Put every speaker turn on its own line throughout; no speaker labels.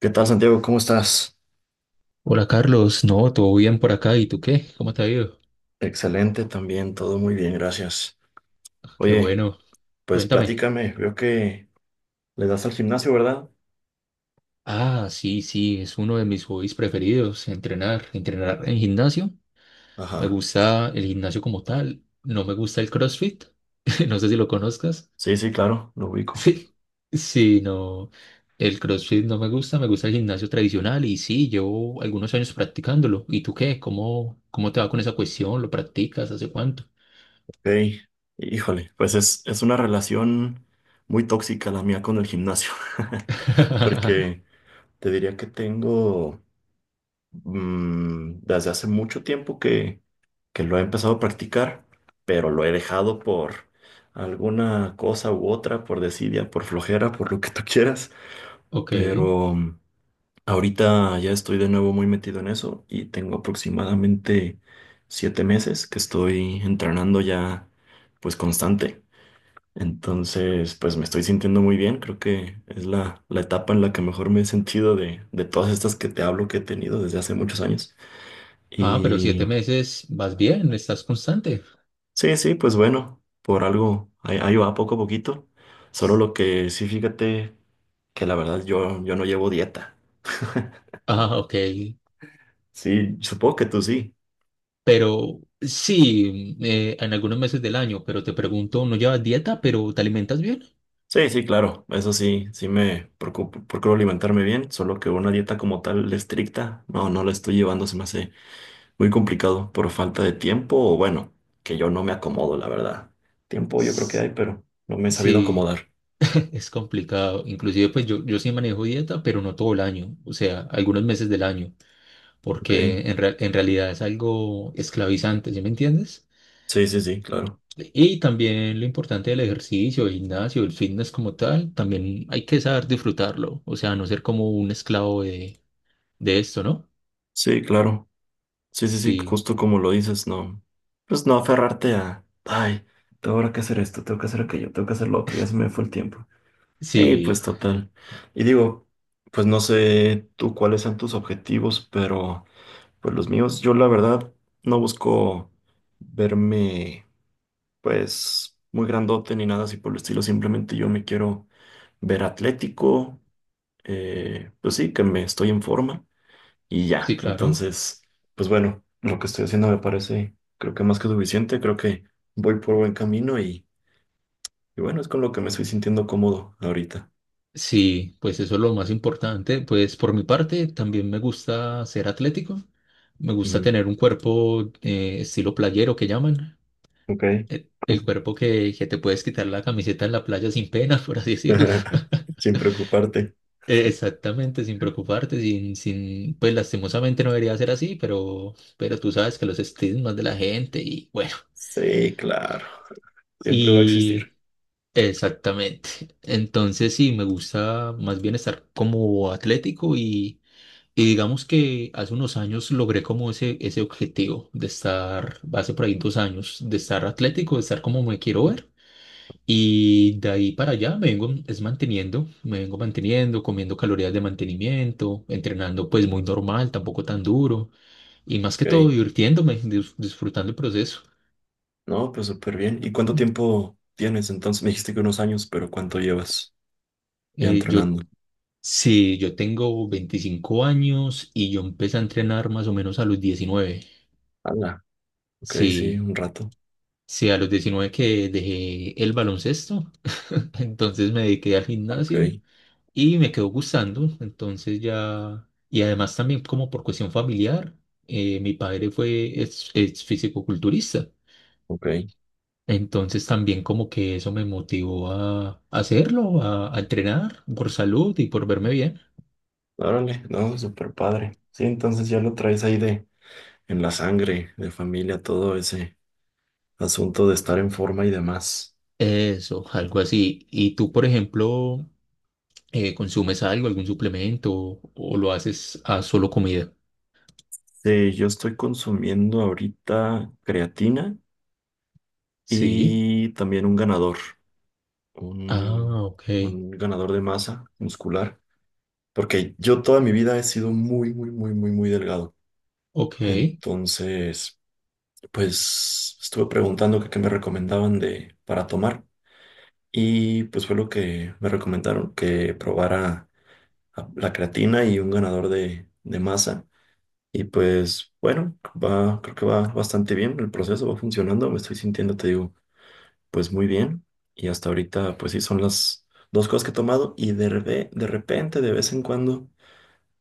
¿Qué tal, Santiago? ¿Cómo estás?
Hola Carlos, no, todo bien por acá. ¿Y tú qué? ¿Cómo te ha ido?
Excelente también, todo muy bien, gracias.
Ah, qué
Oye,
bueno.
pues
Cuéntame.
platícame, veo que le das al gimnasio, ¿verdad?
Ah, sí, sí, es uno de mis hobbies preferidos, entrenar, entrenar en gimnasio. Me
Ajá.
gusta el gimnasio como tal. No me gusta el CrossFit. No sé si lo conozcas.
Sí, sí, claro, lo ubico.
Sí, sí, no. El CrossFit no me gusta, me gusta el gimnasio tradicional y sí, llevo algunos años practicándolo. ¿Y tú qué? ¿Cómo te va con esa cuestión? ¿Lo practicas? ¿Hace cuánto?
Ok. Híjole, pues es una relación muy tóxica la mía con el gimnasio, porque te diría que tengo desde hace mucho tiempo que lo he empezado a practicar, pero lo he dejado por alguna cosa u otra, por desidia, por flojera, por lo que tú quieras.
Ok.
Pero ahorita ya estoy de nuevo muy metido en eso y tengo aproximadamente 7 meses que estoy entrenando ya pues constante. Entonces, pues me estoy sintiendo muy bien. Creo que es la etapa en la que mejor me he sentido de todas estas que te hablo que he tenido desde hace muchos años.
Ah, pero
Y
7 meses vas bien, estás constante.
sí, sí, pues bueno, por algo ahí, ahí va poco a poquito. Solo lo que sí, fíjate que la verdad yo no llevo dieta.
Ah, ok.
Sí, supongo que tú sí.
Pero sí, en algunos meses del año, pero te pregunto, ¿no llevas dieta, pero te alimentas bien?
Sí, sí, claro, eso sí, sí me preocupo, procuro alimentarme bien, solo que una dieta como tal estricta, no, no la estoy llevando, se me hace muy complicado por falta de tiempo o bueno, que yo no me acomodo, la verdad. Tiempo yo creo que hay,
S-
pero no me he sabido
Sí,
acomodar.
es complicado. Inclusive, pues yo sí manejo dieta, pero no todo el año, o sea, algunos meses del año,
Ok,
porque en realidad es algo esclavizante, ¿sí me entiendes?
sí, sí, sí, claro.
Y también lo importante del ejercicio, el gimnasio, el fitness como tal, también hay que saber disfrutarlo, o sea, no ser como un esclavo de esto, ¿no?
Sí, claro. Sí, sí, sí,
Sí,
justo como lo dices, no. Pues no aferrarte a, ay, tengo ahora que hacer esto, tengo que hacer aquello, tengo que hacer lo otro, ya se me fue el tiempo. Sí, pues
sí,
total. Y digo, pues no sé tú cuáles sean tus objetivos, pero pues los míos, yo la verdad no busco verme pues muy grandote ni nada así por el estilo, simplemente yo me quiero ver atlético, pues sí, que me estoy en forma y
sí,
ya.
claro.
Entonces, pues bueno, lo que estoy haciendo me parece, creo que más que suficiente, creo que voy por buen camino y bueno, es con lo que me estoy sintiendo cómodo ahorita.
Sí, pues eso es lo más importante. Pues por mi parte, también me gusta ser atlético, me gusta
Ujú.
tener un cuerpo, estilo playero que llaman,
Ok.
el cuerpo que te puedes quitar la camiseta en la playa sin pena, por así decirlo.
Sin preocuparte.
Exactamente, sin preocuparte, sin, pues lastimosamente no debería ser así, pero tú sabes que los estigmas de la gente y bueno,
Sí, claro. Siempre va a
y
existir.
exactamente. Entonces sí, me gusta más bien estar como atlético y digamos que hace unos años logré como ese objetivo de estar, hace por ahí 2 años, de estar atlético, de estar como me quiero ver. Y de ahí para allá me vengo es manteniendo, me vengo manteniendo, comiendo calorías de mantenimiento, entrenando pues muy normal, tampoco tan duro, y más que todo
Ok.
divirtiéndome, disfrutando el proceso.
No, pues súper bien. ¿Y cuánto
Mm.
tiempo tienes entonces? Me dijiste que unos años, pero ¿cuánto llevas ya
Eh, yo,
entrenando?
sí, yo tengo 25 años y yo empecé a entrenar más o menos a los 19.
Hala. Ok, sí,
Sí,
un rato.
sí, a los 19 que dejé el baloncesto, entonces me dediqué al gimnasio
Ok,
y me quedó gustando, entonces ya, y además también como por cuestión familiar, mi padre fue ex fisicoculturista,
ok.
entonces también como que eso me motivó a, hacerlo, a entrenar por salud y por verme bien,
Órale, no, súper padre. Sí, entonces ya lo traes ahí de en la sangre, de familia, todo ese asunto de estar en forma y demás.
eso, algo así. ¿Y tú, por ejemplo, consumes algo, algún suplemento o lo haces a solo comida?
Sí, yo estoy consumiendo ahorita creatina
Sí.
y también un ganador. un,
Ah, ok,
un ganador de masa muscular, porque yo toda mi vida he sido muy, muy, muy, muy, muy delgado.
ok.
Entonces, pues estuve preguntando que qué me recomendaban de, para tomar y pues fue lo que me recomendaron, que probara la creatina y un ganador de masa. Y pues bueno, va, creo que va bastante bien el proceso, va funcionando, me estoy sintiendo, te digo. Pues muy bien. Y hasta ahorita, pues sí, son las dos cosas que he tomado y de, de repente, de vez en cuando,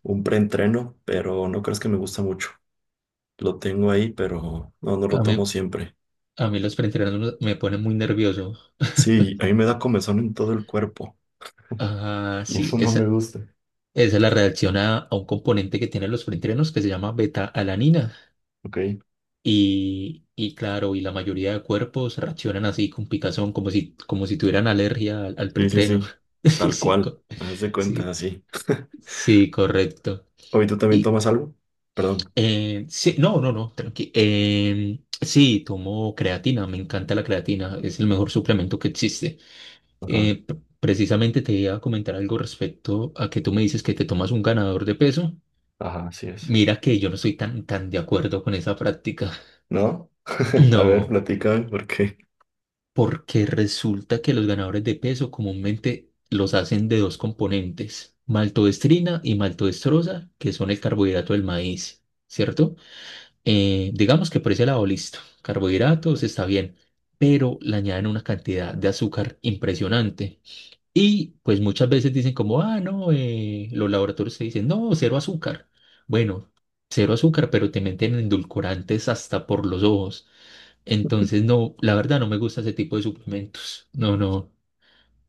un preentreno, pero no crees que me gusta mucho. Lo tengo ahí, pero no, no
A
lo
mí,
tomo siempre.
a mí los preentrenos me ponen muy nervioso.
Sí, a mí me da comezón en todo el cuerpo
Ah,
y
sí,
eso no me gusta.
esa es la reacción a un componente que tienen los preentrenos que se llama beta-alanina.
Ok.
Y claro, y la mayoría de cuerpos reaccionan así con picazón, como si tuvieran alergia al
Sí, sí,
preentreno.
sí.
Sí,
Tal
sí,
cual. Haz de cuenta,
sí,
así.
sí, correcto.
¿Hoy tú también
Y
tomas algo? Perdón.
sí, no, no, no, tranqui. Sí, tomo creatina, me encanta la creatina, es el mejor suplemento que existe.
Ajá,
Eh, p- Precisamente te iba a comentar algo respecto a que tú me dices que te tomas un ganador de peso.
ajá, así es.
Mira que yo no estoy tan, tan de acuerdo con esa práctica.
¿No? A ver,
No,
platícame por qué.
porque resulta que los ganadores de peso comúnmente los hacen de dos componentes, maltodextrina y maltodextrosa, que son el carbohidrato del maíz, ¿cierto? Digamos que por ese lado listo, carbohidratos está bien, pero le añaden una cantidad de azúcar impresionante. Y pues muchas veces dicen como, ah, no, los laboratorios te dicen, no, cero azúcar. Bueno, cero azúcar, pero te meten endulcorantes hasta por los ojos. Entonces, no, la verdad no me gusta ese tipo de suplementos. No, no,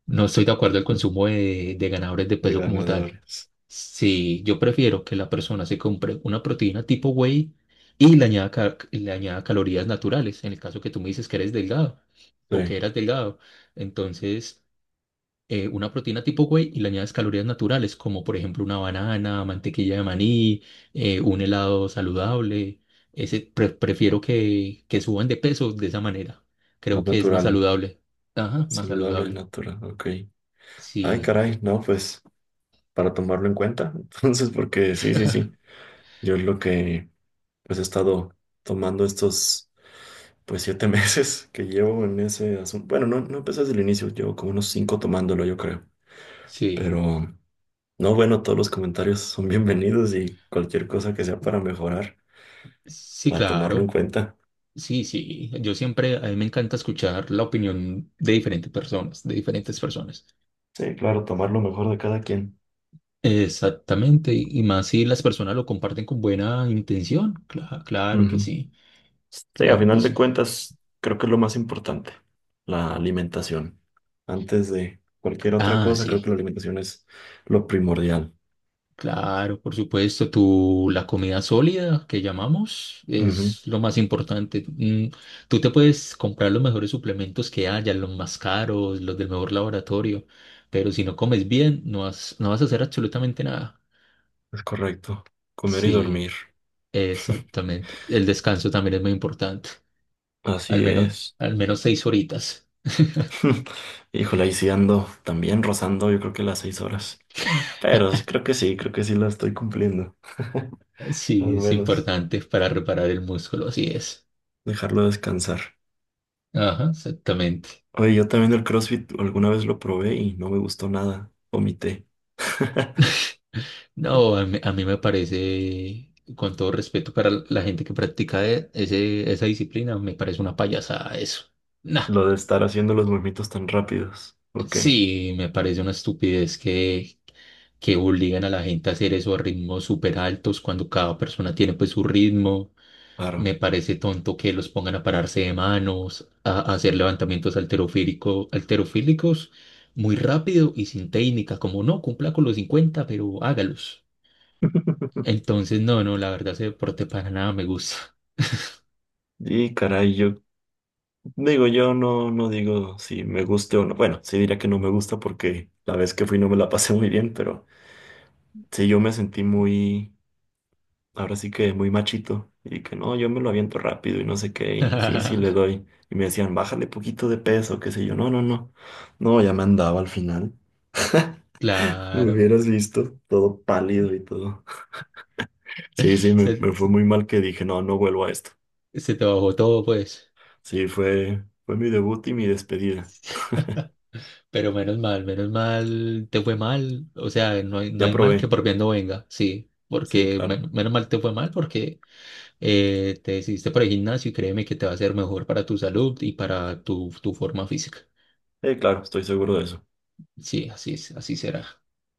no estoy de acuerdo al consumo de ganadores de
De
peso como tal.
ganadores.
Sí, yo prefiero que la persona se compre una proteína tipo whey y le añada calorías naturales, en el caso que tú me dices que eres delgado o que
Sí,
eras delgado. Entonces una proteína tipo whey y le añades calorías naturales, como por ejemplo una banana, mantequilla de maní, un helado saludable. Prefiero que, suban de peso de esa manera. Creo
más
que es más
natural.
saludable. Ajá, más
Saludable y
saludable.
natural, ok. Ay,
Sí.
caray, no, pues para tomarlo en cuenta. Entonces, porque sí, sí, sí. Yo es lo que pues he estado tomando estos pues 7 meses que llevo en ese asunto. Bueno, no, no empecé desde el inicio, llevo como unos cinco tomándolo, yo creo.
Sí,
Pero no, bueno, todos los comentarios son bienvenidos y cualquier cosa que sea para mejorar,
sí,
para tomarlo en
claro.
cuenta.
Sí, sí. Yo siempre, a mí me encanta escuchar la opinión de diferentes personas, de diferentes personas.
Sí, claro, tomar lo mejor de cada quien.
Exactamente. Y más si las personas lo comparten con buena intención. Claro que
Ujú.
sí.
Sí, a
Claro que
final de
sí.
cuentas, creo que es lo más importante, la alimentación. Antes de cualquier otra
Ah,
cosa, creo que
sí,
la alimentación es lo primordial.
claro, por supuesto. La comida sólida que llamamos
Ujú.
es lo más importante. Tú te puedes comprar los mejores suplementos que haya, los más caros, los del mejor laboratorio, pero si no comes bien, no vas a hacer absolutamente nada.
Es correcto. Comer y
Sí,
dormir.
exactamente. El descanso también es muy importante. Al
Así
menos,
es.
al menos 6 horitas.
Híjole, ahí sí ando también rozando, yo creo que las 6 horas. Pero creo que sí la estoy cumpliendo. Al
Sí, es
menos
importante para reparar el músculo, así es.
dejarlo descansar.
Ajá, exactamente.
Oye, yo también el CrossFit alguna vez lo probé y no me gustó nada. Omité.
No, a mí me parece, con todo respeto para la gente que practica esa disciplina, me parece una payasada eso. Nah,
Lo de estar haciendo los movimientos tan rápidos. Ok.
sí, me parece una estupidez que, obligan a la gente a hacer eso a ritmos súper altos cuando cada persona tiene pues su ritmo.
Claro.
Me parece tonto que los pongan a pararse de manos, a hacer levantamientos alterofílicos muy rápido y sin técnica, como no, cumpla con los 50 pero hágalos. Entonces, no, no, la verdad ese deporte para nada me gusta.
Y caray, yo digo, yo no, no digo si me guste o no. Bueno, sí diría que no me gusta porque la vez que fui no me la pasé muy bien, pero sí yo me sentí muy, ahora sí que muy machito y que no, yo me lo aviento rápido y no sé qué, y sí, sí le doy. Y me decían, bájale poquito de peso, qué sé yo. No, no, no. No, ya me andaba al final. Me
Claro,
hubieras visto todo pálido y todo. Sí, sí,
se,
me fue
se-
muy mal que dije, no, no vuelvo a esto.
se te bajó todo, pues.
Sí, fue mi debut y mi despedida.
Pero menos mal te fue mal. O sea, no hay, no
Ya
hay mal que
probé.
por bien no venga, sí.
Sí,
Porque
claro.
menos mal te fue mal porque te decidiste por el gimnasio y créeme que te va a ser mejor para tu salud y para tu forma física.
Claro, estoy seguro de eso.
Sí, así será.